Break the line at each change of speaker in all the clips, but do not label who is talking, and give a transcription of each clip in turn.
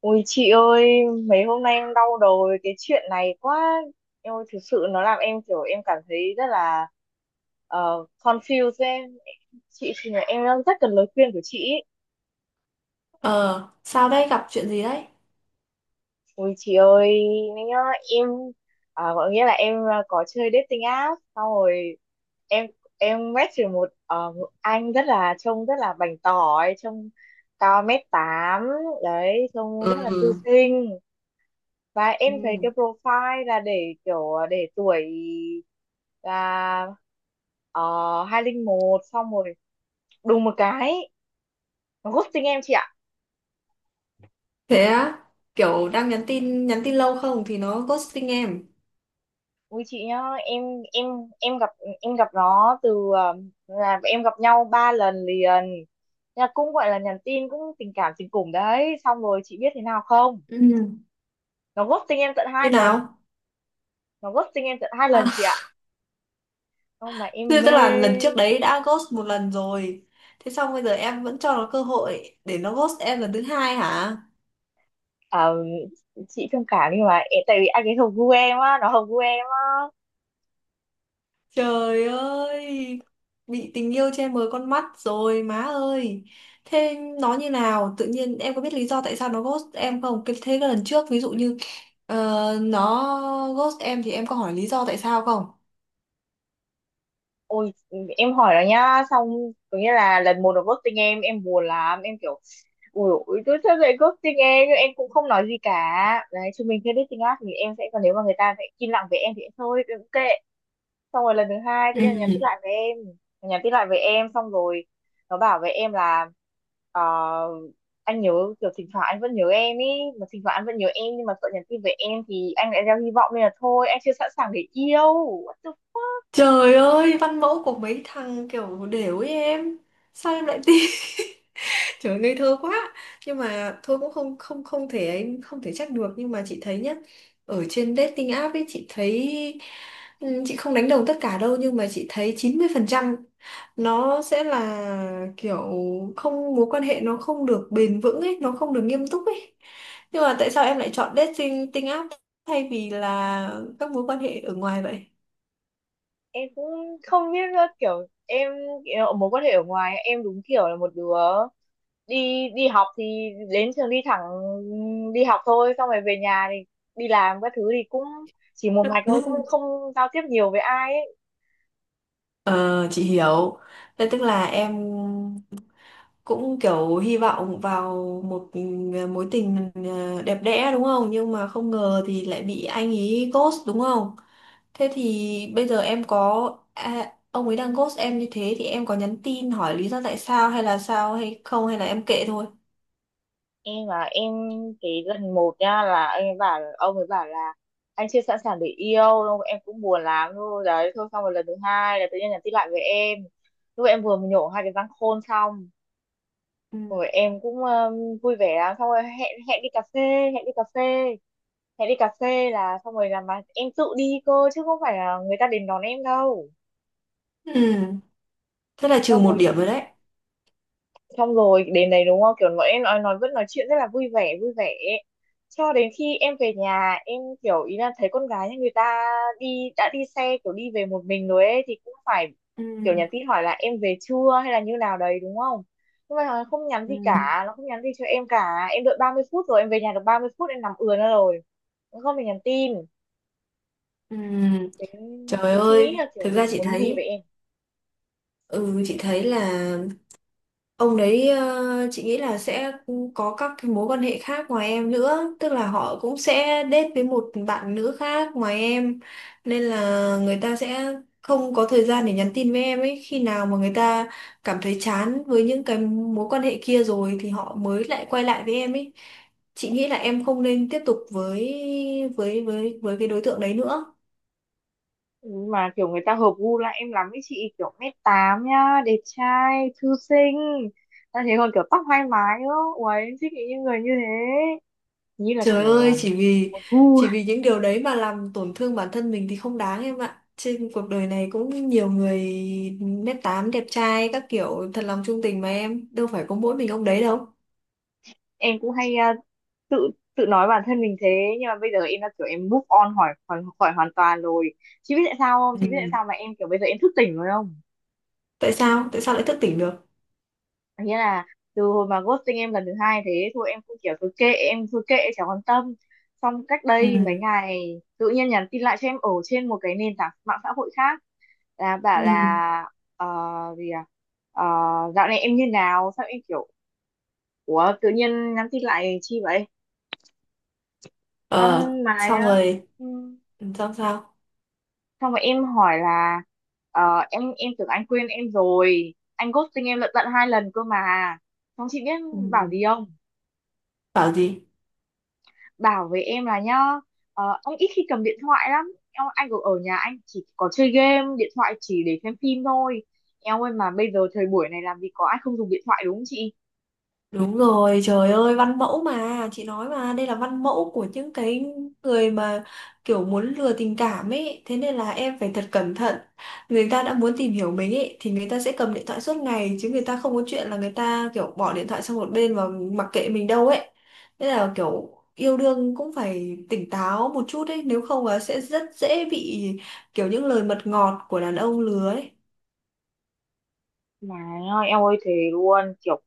Ôi chị ơi, mấy hôm nay em đau đầu với cái chuyện này quá. Em ơi, thực sự nó làm em kiểu em cảm thấy rất là confused ấy. Chị thì là em đang rất cần lời khuyên của chị ý.
Ờ, sao đấy, gặp chuyện gì đấy?
Ôi chị ơi, nhá, em có nghĩa là em có chơi dating app, xong rồi em em match được một anh rất là trông rất là bảnh tỏi, trông cao 1m8 đấy, trông rất là thư
Ừ.
sinh, và em thấy cái
Ừ.
profile là để kiểu để tuổi là hai linh một, xong rồi đùng một cái nó ghosting em chị ạ.
Thế á, kiểu đang nhắn tin lâu không thì nó ghosting em.
Ui chị nhá, em em gặp em gặp nó là em gặp nhau ba lần liền, là cũng gọi là nhắn tin cũng tình cảm tình cùng đấy, xong rồi chị biết thế nào không?
Ừ.
Nó ghosting em tận hai
Như
lần.
nào?
Nó ghosting em tận hai
À,
lần chị ạ. Không mà em
thế tức
mê.
là lần trước đấy đã ghost một lần rồi. Thế xong bây giờ em vẫn cho nó cơ hội để nó ghost em lần thứ hai hả?
À, chị thông cảm nhưng mà em- tại vì anh ấy hợp gu em á, nó hợp gu em á.
Trời ơi, bị tình yêu che mờ con mắt rồi má ơi. Thế nó như nào? Tự nhiên em có biết lý do tại sao nó ghost em không? Cái- thế cái lần trước ví dụ như nó ghost em thì em có hỏi lý do tại sao không?
Ôi, em hỏi nó nhá, xong có nghĩa là lần một nó ghosting em buồn lắm, em kiểu ui ui tôi sao lại ghosting em, nhưng em cũng không nói gì cả đấy. Chúng mình chưa dating app thì em sẽ còn, nếu mà người ta sẽ im lặng về em thì thôi, ok. Xong rồi lần thứ hai tự nhiên nó nhắn tin
Ừ.
lại với em. Nó nhắn tin lại với em xong rồi nó bảo với em là ờ, anh nhớ, kiểu thỉnh thoảng anh vẫn nhớ em ý. Mà thỉnh thoảng anh vẫn nhớ em nhưng mà sợ nhắn tin với em thì anh lại gieo hy vọng, nên là thôi, anh chưa sẵn sàng để yêu. What the...
Trời ơi, văn mẫu của mấy thằng kiểu đều ấy em. Sao em lại tin? Trời ơi, ngây thơ quá. Nhưng mà thôi cũng không không không thể ấy, không thể trách được nhưng mà chị thấy nhá, ở trên dating app ấy chị thấy chị không đánh đồng tất cả đâu nhưng mà chị thấy 90% nó sẽ là kiểu không, mối quan hệ nó không được bền vững ấy, nó không được nghiêm túc ấy. Nhưng mà tại sao em lại chọn dating dating app thay vì là các mối quan hệ ở ngoài vậy?
Em cũng không biết nữa, kiểu em kiểu mối quan hệ ở ngoài, em đúng kiểu là một đứa đi đi học thì đến trường đi thẳng đi học thôi, xong rồi về nhà thì đi làm các thứ thì cũng chỉ một mạch thôi, cũng không giao tiếp nhiều với ai ấy.
Ờ, chị hiểu. Thế tức là em cũng kiểu hy vọng vào một mối tình đẹp đẽ đúng không? Nhưng mà không ngờ thì lại bị anh ý ghost đúng không? Thế thì bây giờ em có à, ông ấy đang ghost em như thế thì em có nhắn tin hỏi lý do tại sao hay là sao hay không hay là em kệ thôi.
Em cái lần một nha, là em bảo ông ấy bảo là anh chưa sẵn sàng để yêu đâu, em cũng buồn lắm thôi đấy thôi, xong rồi lần thứ hai là tự nhiên nhắn tin lại với em lúc em vừa mới nhổ hai cái răng khôn xong
Ừ.
rồi em cũng vui vẻ lắm, xong rồi hẹn hẹn đi cà phê hẹn đi cà phê hẹn đi cà phê là xong rồi, là mà em tự đi cơ chứ không phải là người ta đến đón em đâu.
Ừ, thế là trừ
Xong
một
rồi chị,
điểm rồi đấy.
xong rồi đến đấy đúng không, kiểu bọn em nói vẫn nói chuyện rất là vui vẻ ấy. Cho đến khi em về nhà, em kiểu ý là thấy con gái nhà người ta đi xe, kiểu đi về một mình rồi ấy, thì cũng phải
Ừ.
kiểu nhắn tin hỏi là em về chưa hay là như nào đấy đúng không. Nhưng mà nó không nhắn gì
Ừ.
cả, nó không nhắn gì cho em cả, em đợi 30 phút, rồi em về nhà được 30 phút, em nằm ườn ra rồi, nó không hề nhắn tin.
Ừ,
Thế,
trời
thì chị nghĩ là
ơi, thực
kiểu
ra chị
muốn gì vậy
thấy,
em.
ừ chị thấy là ông đấy, chị nghĩ là sẽ có các cái mối quan hệ khác ngoài em nữa, tức là họ cũng sẽ date với một bạn nữ khác ngoài em nên là người ta sẽ không có thời gian để nhắn tin với em ấy, khi nào mà người ta cảm thấy chán với những cái mối quan hệ kia rồi thì họ mới lại quay lại với em ấy. Chị nghĩ là em không nên tiếp tục với với cái đối tượng đấy nữa.
Mà kiểu người ta hợp gu lại em lắm ấy chị, kiểu 1m8 nhá, đẹp trai thư sinh, ta thế còn kiểu tóc hai mái nữa, ui em thích những người như thế, như là
Trời
kiểu
ơi, chỉ vì
một gu.
chỉ vì những điều đấy mà làm tổn thương bản thân mình thì không đáng em ạ. Trên cuộc đời này cũng nhiều người nết tám đẹp trai các kiểu thật lòng trung tình mà em, đâu phải có mỗi mình ông đấy đâu.
Em cũng hay tự tự nói bản thân mình thế, nhưng mà bây giờ em đã kiểu em move on khỏi khỏi, khỏi hoàn toàn rồi. Chị biết tại sao không, chị biết tại
Ừ.
sao mà em kiểu bây giờ em thức tỉnh rồi không?
Tại sao? Tại sao lại thức tỉnh được?
Nghĩa là từ hồi mà ghosting em lần thứ hai, thế thôi em cũng kiểu cứ kệ, em cứ kệ chẳng quan tâm. Xong cách
Ừ.
đây mấy ngày tự nhiên nhắn tin lại cho em ở trên một cái nền tảng mạng xã hội khác, là
Ừ.
bảo là ờ, gì à Ờ, dạo này em như nào, sao em kiểu ủa tự nhiên nhắn tin lại chi vậy?
Ờ,
Xong mà
xong rồi,
ừ,
xong sao?
xong mà em hỏi là em tưởng anh quên em rồi, anh ghosting em lận tận hai lần cơ mà. Xong chị biết
Ừ.
bảo gì không.
Bảo gì?
Bảo với em là nhá, anh ít khi cầm điện thoại lắm em, anh ở ở nhà anh chỉ có chơi game điện thoại, chỉ để xem phim thôi. Em ơi mà bây giờ thời buổi này làm gì có ai không dùng điện thoại đúng không chị?
Đúng rồi, trời ơi, văn mẫu mà, chị nói mà, đây là văn mẫu của những cái người mà kiểu muốn lừa tình cảm ấy, thế nên là em phải thật cẩn thận. Người ta đã muốn tìm hiểu mình ấy, thì người ta sẽ cầm điện thoại suốt ngày, chứ người ta không có chuyện là người ta kiểu bỏ điện thoại sang một bên và mặc kệ mình đâu ấy. Thế là kiểu yêu đương cũng phải tỉnh táo một chút ấy, nếu không là sẽ rất dễ bị kiểu những lời mật ngọt của đàn ông lừa ấy.
Mà em ơi thế luôn, kiểu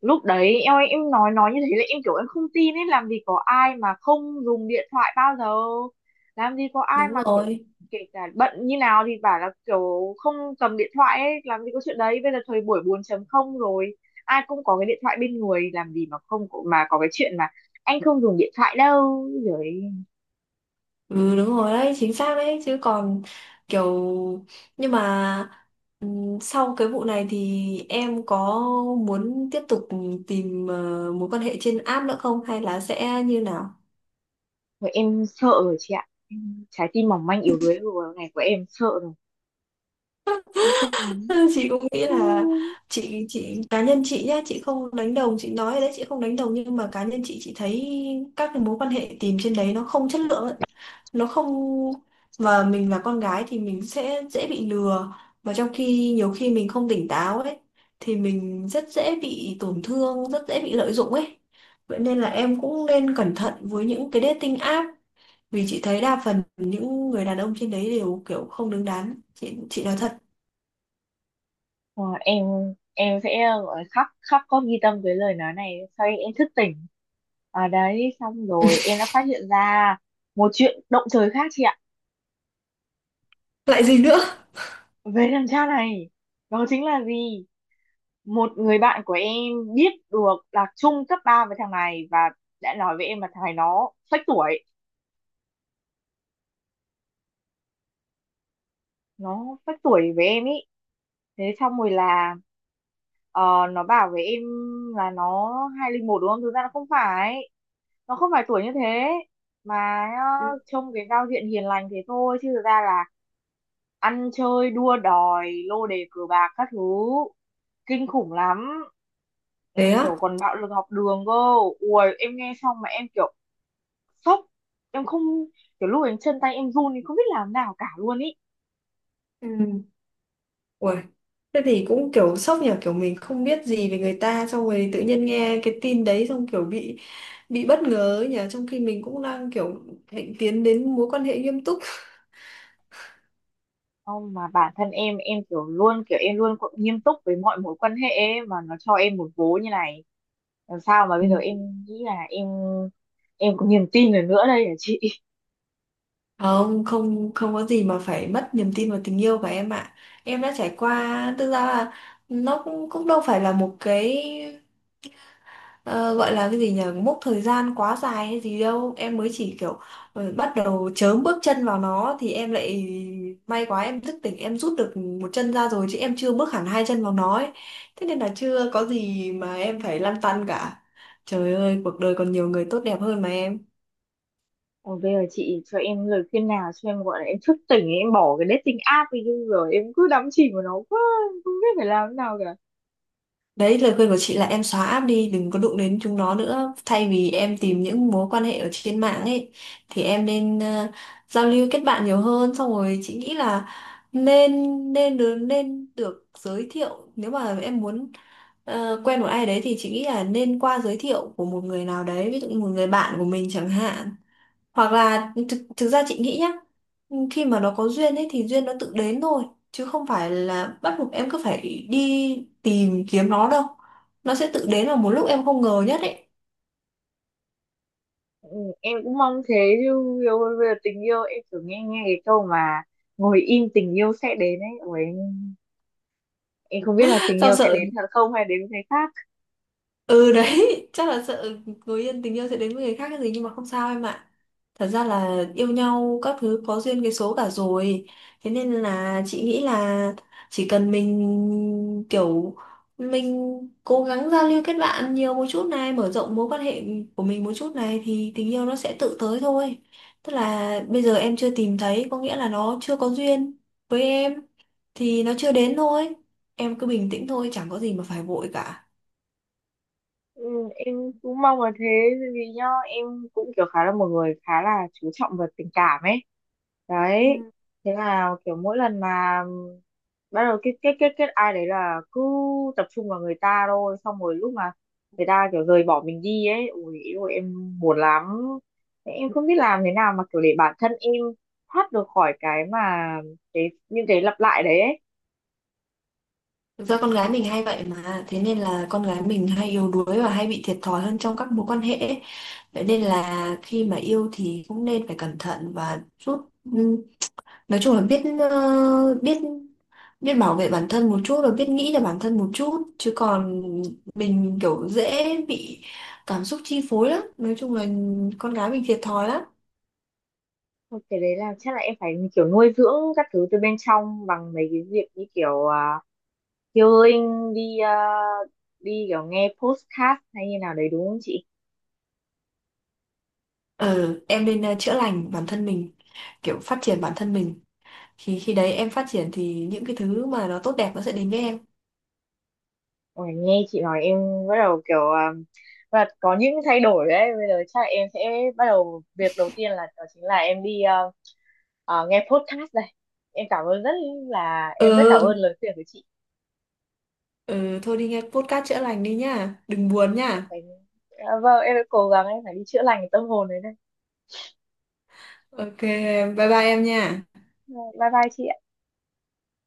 lúc đấy em nói như thế là em kiểu em không tin ấy, làm gì có ai mà không dùng điện thoại bao giờ, làm gì có ai
Đúng
mà kiểu
rồi.
kể cả bận như nào thì bảo là kiểu không cầm điện thoại ấy, làm gì có chuyện đấy, bây giờ thời buổi 4.0 rồi, ai cũng có cái điện thoại bên người, làm gì mà không có- mà có cái chuyện mà anh không dùng điện thoại đâu rồi.
Ừ đúng rồi đấy, chính xác đấy chứ còn kiểu, nhưng mà sau cái vụ này thì em có muốn tiếp tục tìm mối quan hệ trên app nữa không hay là sẽ như nào?
Rồi em sợ rồi chị ạ. Em- trái tim mỏng manh yếu đuối của ngày của em sợ rồi, em không muốn,
Chị cũng nghĩ
không
là
muốn.
chị cá nhân chị nhá, chị không đánh đồng, chị nói rồi đấy, chị không đánh đồng, nhưng mà cá nhân chị thấy các cái mối quan hệ tìm trên đấy nó không chất lượng ấy. Nó không, mà mình là con gái thì mình sẽ dễ bị lừa, và trong khi nhiều khi mình không tỉnh táo ấy thì mình rất dễ bị tổn thương, rất dễ bị lợi dụng ấy. Vậy nên là em cũng nên cẩn thận với những cái dating app, vì chị thấy đa phần những người đàn ông trên đấy đều kiểu không đứng đắn, chị nói thật.
Ờ, em em sẽ gọi là khóc khóc có ghi tâm với lời nói này, sau đấy em thức tỉnh ở đấy, xong rồi em đã phát hiện ra một chuyện động trời khác chị ạ
Lại gì nữa?
về đằng cha này. Đó chính là gì, một người bạn của em biết được là chung cấp 3 với thằng này, và đã nói với em là thằng này nó phách tuổi, nó phách tuổi với em ý. Thế xong rồi là Ờ, nó bảo với em là nó 2001 đúng không? Thực ra nó không phải. Nó không phải tuổi như thế. Mà
Ừ,
trông cái giao diện hiền lành thế thôi. Chứ thực ra là ăn chơi, đua đòi, lô đề cờ bạc các thứ. Kinh khủng lắm. Ừ,
thế á.
kiểu còn bạo lực học đường cơ. Ui, em nghe xong mà em kiểu sốc. Em không, kiểu lúc ấy chân tay em run thì không biết làm nào cả luôn ý.
Ừ, uầy, thế thì cũng kiểu sốc nhỉ, kiểu mình không biết gì về người ta xong rồi tự nhiên nghe cái tin đấy xong kiểu bị bất ngờ ấy nhỉ, trong khi mình cũng đang kiểu hạnh tiến đến mối quan hệ nghiêm túc.
Không mà bản thân em kiểu luôn kiểu em luôn có- nghiêm túc với mọi mối quan hệ ấy, mà nó cho em một vố như này làm sao mà bây giờ
Ừ.
em nghĩ là em có niềm tin được nữa đây hả chị?
Không, không không có gì mà phải mất niềm tin vào tình yêu của em ạ. Em đã trải qua thực ra là nó cũng cũng đâu phải là một cái ờ, gọi là cái gì nhỉ, mốc thời gian quá dài hay gì đâu, em mới chỉ kiểu bắt đầu chớm bước chân vào nó thì em lại may quá em thức tỉnh, em rút được một chân ra rồi chứ em chưa bước hẳn hai chân vào nó ấy. Thế nên là chưa có gì mà em phải lăn tăn cả. Trời ơi, cuộc đời còn nhiều người tốt đẹp hơn mà em.
Còn bây giờ chị cho em lời khuyên nào cho em gọi là em thức tỉnh ấy, em bỏ cái dating app đi chứ rồi em cứ đắm chìm vào nó quá, em không biết phải làm thế nào cả.
Đấy, lời khuyên của chị là em xóa app đi, đừng có đụng đến chúng nó nữa. Thay vì em tìm những mối quan hệ ở trên mạng ấy, thì em nên giao lưu kết bạn nhiều hơn. Xong rồi chị nghĩ là nên nên được giới thiệu. Nếu mà em muốn quen một ai đấy thì chị nghĩ là nên qua giới thiệu của một người nào đấy, ví dụ như một người bạn của mình chẳng hạn, hoặc là thực ra chị nghĩ nhá, khi mà nó có duyên ấy thì duyên nó tự đến thôi, chứ không phải là bắt buộc em cứ phải đi tìm kiếm nó đâu, nó sẽ tự đến vào một lúc em không ngờ nhất ấy.
Ừ, em cũng mong thế, chứ yêu bây giờ tình yêu, em cứ nghe nghe cái câu mà ngồi im tình yêu sẽ đến ấy. Ủa, em không biết là tình
Sao
yêu sẽ
sợ,
đến thật không hay đến với người khác.
ừ đấy, chắc là sợ người yêu, tình yêu sẽ đến với người khác cái gì, nhưng mà không sao em ạ. Thật ra là yêu nhau các thứ có duyên cái số cả rồi. Thế nên là chị nghĩ là chỉ cần mình kiểu mình cố gắng giao lưu kết bạn nhiều một chút này, mở rộng mối quan hệ của mình một chút này thì tình yêu nó sẽ tự tới thôi. Tức là bây giờ em chưa tìm thấy có nghĩa là nó chưa có duyên với em thì nó chưa đến thôi. Em cứ bình tĩnh thôi, chẳng có gì mà phải vội cả.
Ừ, em cũng mong là thế, bởi vì nhá em cũng kiểu khá là một người khá là chú trọng về tình cảm ấy đấy.
Ừ.
Thế là kiểu mỗi lần mà bắt đầu kết kết kết kết ai đấy là cứ tập trung vào người ta thôi, xong rồi lúc mà người ta kiểu rời bỏ mình đi ấy, ui ôi em buồn lắm. Thế em không biết làm thế nào mà kiểu để bản thân em thoát được khỏi cái mà cái những cái lặp lại đấy ấy.
Thực ra con gái mình hay vậy mà. Thế nên là con gái mình hay yếu đuối và hay bị thiệt thòi hơn trong các mối quan hệ ấy. Vậy nên là khi mà yêu thì cũng nên phải cẩn thận và chút ừm, nói chung là biết biết biết bảo vệ bản thân một chút và biết nghĩ cho bản thân một chút. Chứ còn mình kiểu dễ bị cảm xúc chi phối lắm. Nói chung là con gái mình thiệt thòi lắm.
Thôi cái đấy là chắc là em phải kiểu nuôi dưỡng các thứ từ bên trong bằng mấy cái việc như kiểu healing đi, đi kiểu nghe podcast hay như nào đấy đúng không chị?
Ừ, em nên chữa lành bản thân mình, kiểu phát triển bản thân mình, thì khi đấy em phát triển thì những cái thứ mà nó tốt đẹp nó sẽ đến với em.
Ôi, nghe chị nói em bắt đầu kiểu và có những thay đổi đấy, bây giờ chắc là em sẽ bắt đầu việc đầu tiên là đó chính là em đi nghe podcast đây. Em cảm ơn rất là em rất cảm ơn
Ừ,
lời khuyên của chị.
ừ thôi đi nghe podcast chữa lành đi nhá, đừng buồn nhá.
Phải- vâng em sẽ cố gắng em phải đi chữa lành cái tâm hồn đấy đây.
Ok em, bye bye em nha.
Bye bye chị.